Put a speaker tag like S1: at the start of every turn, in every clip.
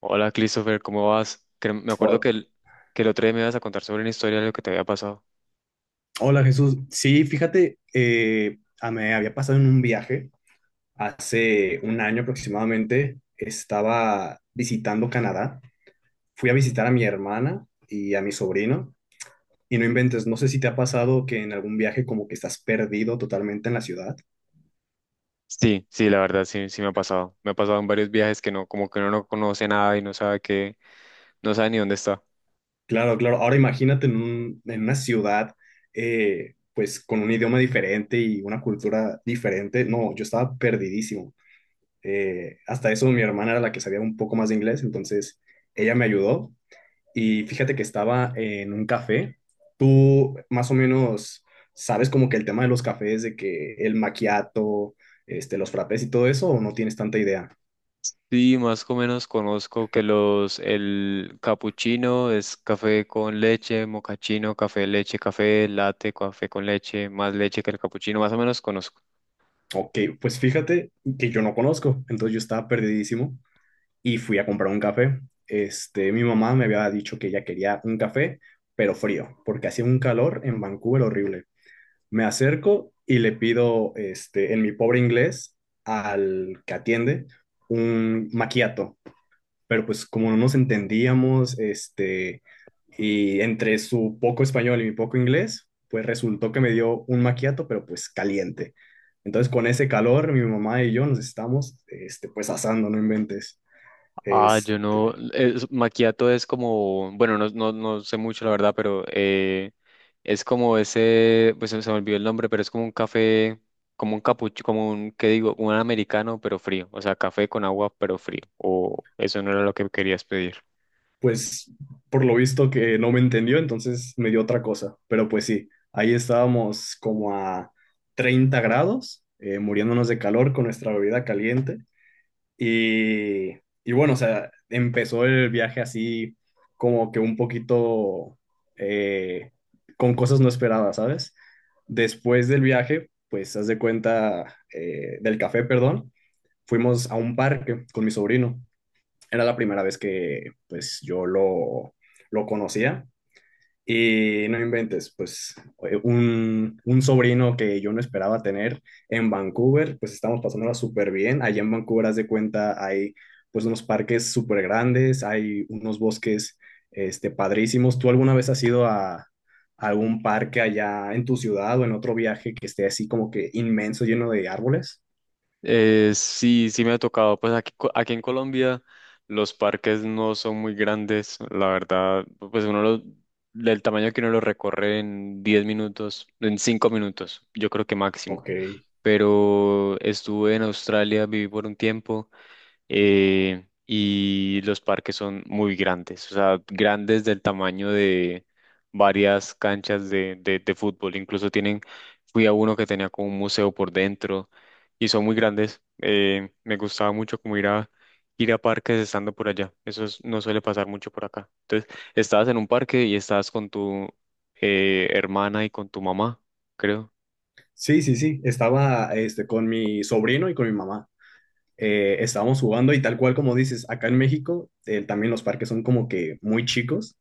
S1: Hola, Christopher, ¿cómo vas? Me acuerdo
S2: Hol-
S1: que que el otro día me ibas a contar sobre una historia de lo que te había pasado.
S2: Hola, Jesús, sí, fíjate, me había pasado en un viaje hace un año aproximadamente. Estaba visitando Canadá, fui a visitar a mi hermana y a mi sobrino, y no inventes, no sé si te ha pasado que en algún viaje como que estás perdido totalmente en la ciudad.
S1: Sí, sí, la verdad, sí, sí me ha pasado. Me ha pasado en varios viajes que no, como que uno no conoce nada y no sabe qué, no sabe ni dónde está.
S2: Claro, claro, ahora imagínate en en una ciudad, pues con un idioma diferente y una cultura diferente. No, yo estaba perdidísimo. Hasta eso mi hermana era la que sabía un poco más de inglés, entonces ella me ayudó. Y fíjate que estaba en un café. Tú más o menos sabes como que el tema de los cafés, de que el maquiato, este, los frappés y todo eso, o no tienes tanta idea.
S1: Sí, más o menos conozco que el capuchino es café con leche, mocachino, café, leche, café, latte, café con leche, más leche que el capuchino, más o menos conozco.
S2: Ok, pues fíjate que yo no conozco, entonces yo estaba perdidísimo y fui a comprar un café. Este, mi mamá me había dicho que ella quería un café, pero frío, porque hacía un calor en Vancouver horrible. Me acerco y le pido, este, en mi pobre inglés, al que atiende, un maquiato. Pero pues como no nos entendíamos, este, y entre su poco español y mi poco inglés, pues resultó que me dio un maquiato, pero pues caliente. Entonces con ese calor, mi mamá y yo nos estamos, este, pues asando, no inventes.
S1: Ah, yo no,
S2: Este,
S1: es, macchiato es como, bueno, no, no, no sé mucho la verdad, pero es como ese, pues se me olvidó el nombre, pero es como un café, como un capucho, como un, ¿qué digo? Un americano, pero frío, o sea, café con agua, pero frío, o eso no era lo que querías pedir.
S2: pues por lo visto que no me entendió, entonces me dio otra cosa. Pero pues sí, ahí estábamos como a 30 grados, muriéndonos de calor con nuestra bebida caliente. Y, y bueno, o sea, empezó el viaje así como que un poquito, eh, con cosas no esperadas, ¿sabes? Después del viaje, pues haz de cuenta, del café, perdón, fuimos a un parque con mi sobrino. Era la primera vez que pues yo lo conocía, y no inventes, pues, un sobrino que yo no esperaba tener en Vancouver, pues estamos pasándola súper bien. Allá en Vancouver, haz de cuenta, hay pues unos parques súper grandes, hay unos bosques, este, padrísimos. ¿Tú alguna vez has ido a algún parque allá en tu ciudad o en otro viaje que esté así como que inmenso, lleno de árboles?
S1: Sí, sí me ha tocado, pues aquí, aquí en Colombia los parques no son muy grandes, la verdad, pues uno los, del tamaño que uno lo recorre en 10 minutos, en 5 minutos, yo creo que máximo.
S2: Ok.
S1: Pero estuve en Australia, viví por un tiempo, y los parques son muy grandes, o sea, grandes del tamaño de varias canchas de fútbol, incluso tienen, fui a uno que tenía como un museo por dentro y son muy grandes, me gustaba mucho como ir a... ir a parques estando por allá. No suele pasar mucho por acá. Entonces, estabas en un parque y estabas con tu hermana y con tu mamá, creo.
S2: Sí, sí, sí. Estaba este, con mi sobrino y con mi mamá. Estábamos jugando y tal cual como dices, acá en México, también los parques son como que muy chicos,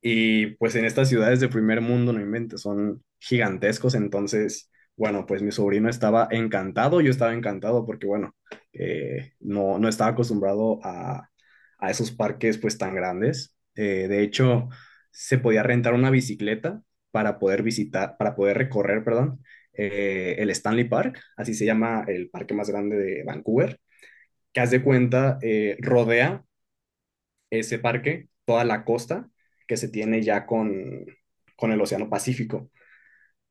S2: y pues en estas ciudades de primer mundo, no inventes, son gigantescos. Entonces, bueno, pues mi sobrino estaba encantado, yo estaba encantado porque, bueno, no, no estaba acostumbrado a esos parques pues tan grandes. De hecho, se podía rentar una bicicleta para poder visitar, para poder recorrer, perdón, el Stanley Park, así se llama el parque más grande de Vancouver, que haz de cuenta, rodea ese parque toda la costa que se tiene ya con el Océano Pacífico.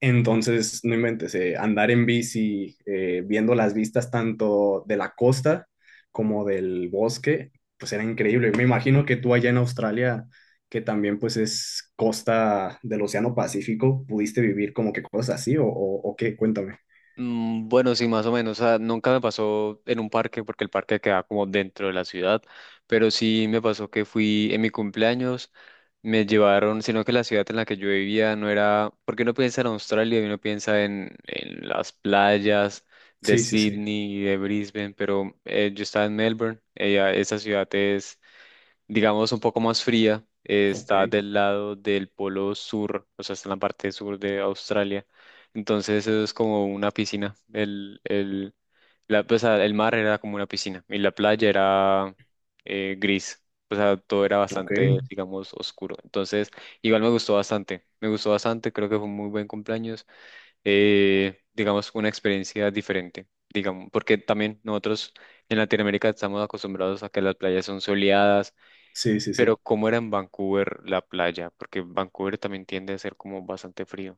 S2: Entonces, no inventes, andar en bici, viendo las vistas tanto de la costa como del bosque, pues era increíble. Me imagino que tú allá en Australia, que también pues es costa del Océano Pacífico, pudiste vivir como que cosas así, o qué, cuéntame.
S1: Bueno, sí, más o menos. O sea, nunca me pasó en un parque porque el parque queda como dentro de la ciudad, pero sí me pasó que fui en mi cumpleaños, me llevaron, sino que la ciudad en la que yo vivía no era, porque uno piensa en Australia y uno piensa en las playas de
S2: Sí, sí, sí.
S1: Sydney y de Brisbane, pero yo estaba en Melbourne, ella, esa ciudad es, digamos, un poco más fría,
S2: Ok,
S1: está del lado del polo sur, o sea, está en la parte sur de Australia. Entonces eso es como una piscina. Pues, ah, el mar era como una piscina y la playa era, gris. O sea, todo era
S2: ok.
S1: bastante, digamos, oscuro. Entonces, igual me gustó bastante. Me gustó bastante, creo que fue un muy buen cumpleaños. Digamos, una experiencia diferente, digamos, porque también nosotros en Latinoamérica estamos acostumbrados a que las playas son soleadas,
S2: Sí, sí,
S1: pero
S2: sí.
S1: ¿cómo era en Vancouver la playa? Porque Vancouver también tiende a ser como bastante frío.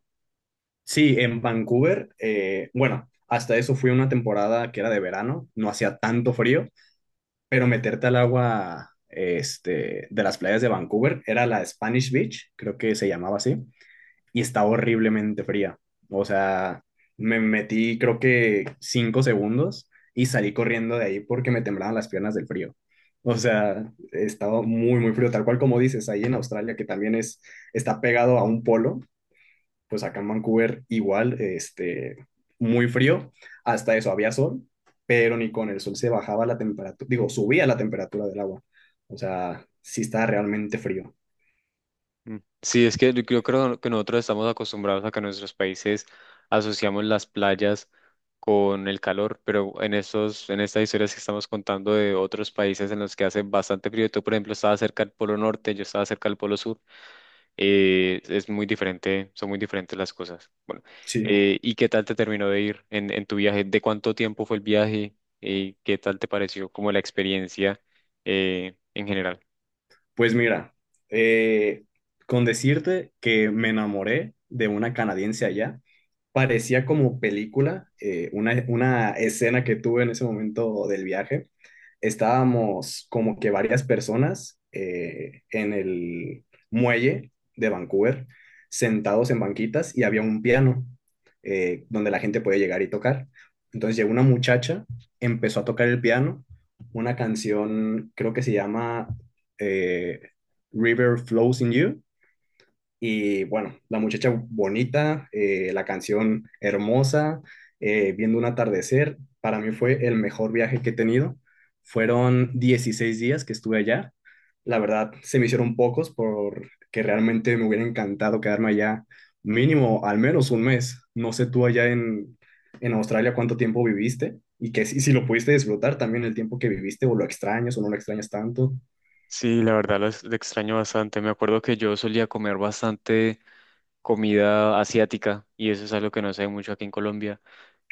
S2: Sí, en Vancouver, bueno, hasta eso fui una temporada que era de verano, no hacía tanto frío, pero meterte al agua, este, de las playas de Vancouver, era la Spanish Beach, creo que se llamaba así, y estaba horriblemente fría. O sea, me metí creo que 5 segundos y salí corriendo de ahí porque me temblaban las piernas del frío. O sea, estaba muy, muy frío, tal cual como dices, ahí en Australia, que también es, está pegado a un polo. Pues acá en Vancouver igual, este, muy frío, hasta eso había sol, pero ni con el sol se bajaba la temperatura, digo, subía la temperatura del agua. O sea, sí está realmente frío.
S1: Mm. Sí, es que yo creo que nosotros estamos acostumbrados a que en nuestros países asociamos las playas con el calor, pero en en estas historias que estamos contando de otros países en los que hace bastante frío, tú por ejemplo estabas cerca del Polo Norte, yo estaba cerca del Polo Sur. Es muy diferente, son muy diferentes las cosas. Bueno,
S2: Sí,
S1: ¿y qué tal te terminó de ir en tu viaje? ¿De cuánto tiempo fue el viaje? ¿Y qué tal te pareció como la experiencia, en general?
S2: pues mira, eh, con decirte que me enamoré de una canadiense allá, parecía como película. Una, escena que tuve en ese momento del viaje. Estábamos como que varias personas, en el muelle de Vancouver, sentados en banquitas, y había un piano, donde la gente puede llegar y tocar. Entonces llegó una muchacha, empezó a tocar el piano, una canción creo que se llama, eh, River Flows in You, y bueno, la muchacha bonita, la canción hermosa, viendo un atardecer, para mí fue el mejor viaje que he tenido. Fueron 16 días que estuve allá. La verdad, se me hicieron pocos porque realmente me hubiera encantado quedarme allá mínimo al menos un mes. No sé tú allá en Australia cuánto tiempo viviste, y que si, si lo pudiste disfrutar también el tiempo que viviste, o lo extrañas o no lo extrañas tanto.
S1: Sí, la verdad lo, lo extraño bastante. Me acuerdo que yo solía comer bastante comida asiática y eso es algo que no se ve mucho aquí en Colombia.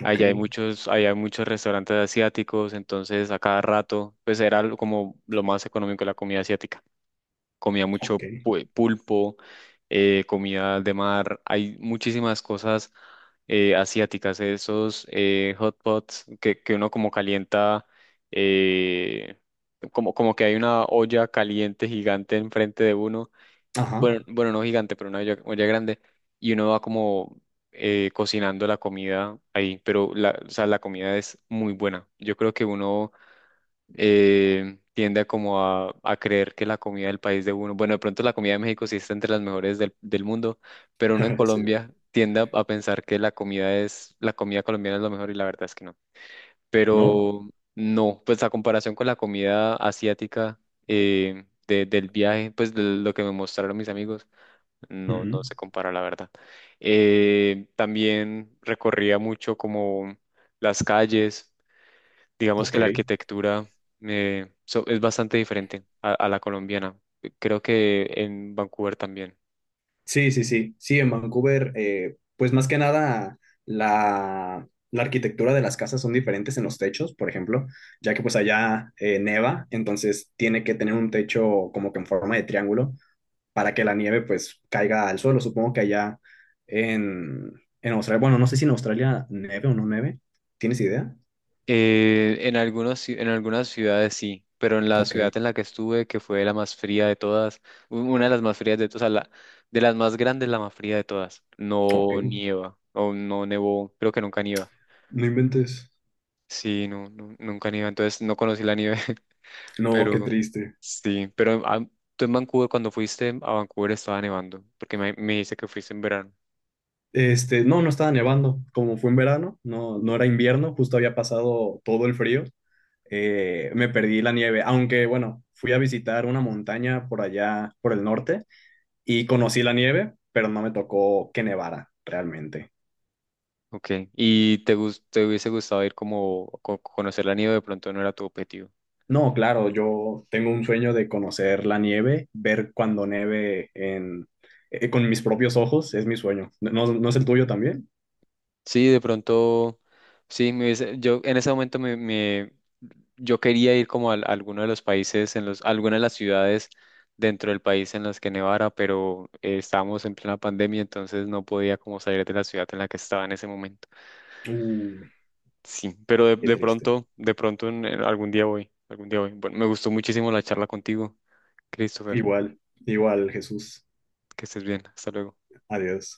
S2: Ok,
S1: Allá hay muchos restaurantes asiáticos, entonces a cada rato pues era algo como lo más económico la comida asiática. Comía mucho
S2: ok.
S1: pulpo, comida de mar, hay muchísimas cosas, asiáticas, esos hot pots que uno como calienta, eh, como, como que hay una olla caliente gigante enfrente de uno, bueno,
S2: Ajá.
S1: bueno, no gigante, pero una olla grande, y uno va como, cocinando la comida ahí, pero la, o sea, la comida es muy buena. Yo creo que uno, tiende a como a creer que la comida del país de uno, bueno, de pronto la comida de México sí está entre las mejores del mundo, pero uno en
S2: Sí.
S1: Colombia tiende a pensar que la comida es, la comida colombiana es lo mejor y la verdad es que no.
S2: ¿No?
S1: Pero no, pues a comparación con la comida asiática, del viaje, pues de lo que me mostraron mis amigos, no, no
S2: Ujú.
S1: se compara la verdad. También recorría mucho como las calles, digamos que
S2: Ok.
S1: la arquitectura, es bastante diferente a la colombiana. Creo que en Vancouver también.
S2: Sí, sí, sí. Sí, en Vancouver, pues más que nada la arquitectura de las casas son diferentes en los techos, por ejemplo, ya que pues allá, neva, entonces tiene que tener un techo como que en forma de triángulo para que la nieve pues caiga al suelo. Supongo que allá en, en Australia, bueno, no sé si en Australia nieve o no nieve. ¿Tienes idea?
S1: En algunos, en algunas ciudades sí, pero en la
S2: Ok,
S1: ciudad en la que estuve, que fue la más fría de todas, una de las más frías de todas, o sea, la, de las más grandes, la más fría de todas, no
S2: ok.
S1: nieva, o no nevó, creo que nunca nieva.
S2: No inventes.
S1: Sí, no, nunca nieva, entonces no conocí la nieve.
S2: No, qué
S1: Pero
S2: triste.
S1: sí, pero ah, tú en Vancouver, cuando fuiste a Vancouver estaba nevando, porque me dice que fuiste en verano.
S2: Este, no, no estaba nevando. Como fue en verano, no, no era invierno, justo había pasado todo el frío. Me perdí la nieve, aunque bueno, fui a visitar una montaña por allá, por el norte, y conocí la nieve, pero no me tocó que nevara realmente.
S1: Ok, ¿y te, te hubiese gustado ir como conocer la nieve? De pronto no era tu objetivo.
S2: No, claro, yo tengo un sueño de conocer la nieve, ver cuando neve con mis propios ojos, es mi sueño. ¿No, no es el tuyo también?
S1: Sí, de pronto, sí, yo en ese momento yo quería ir como a, alguno de los países, en algunas de las ciudades dentro del país en las que nevara, pero estábamos en plena pandemia, entonces no podía como salir de la ciudad en la que estaba en ese momento.
S2: Uy,
S1: Sí, pero
S2: qué triste.
S1: de pronto en algún día voy, algún día voy. Bueno, me gustó muchísimo la charla contigo, Christopher.
S2: Igual, igual, Jesús.
S1: Que estés bien. Hasta luego.
S2: Adiós.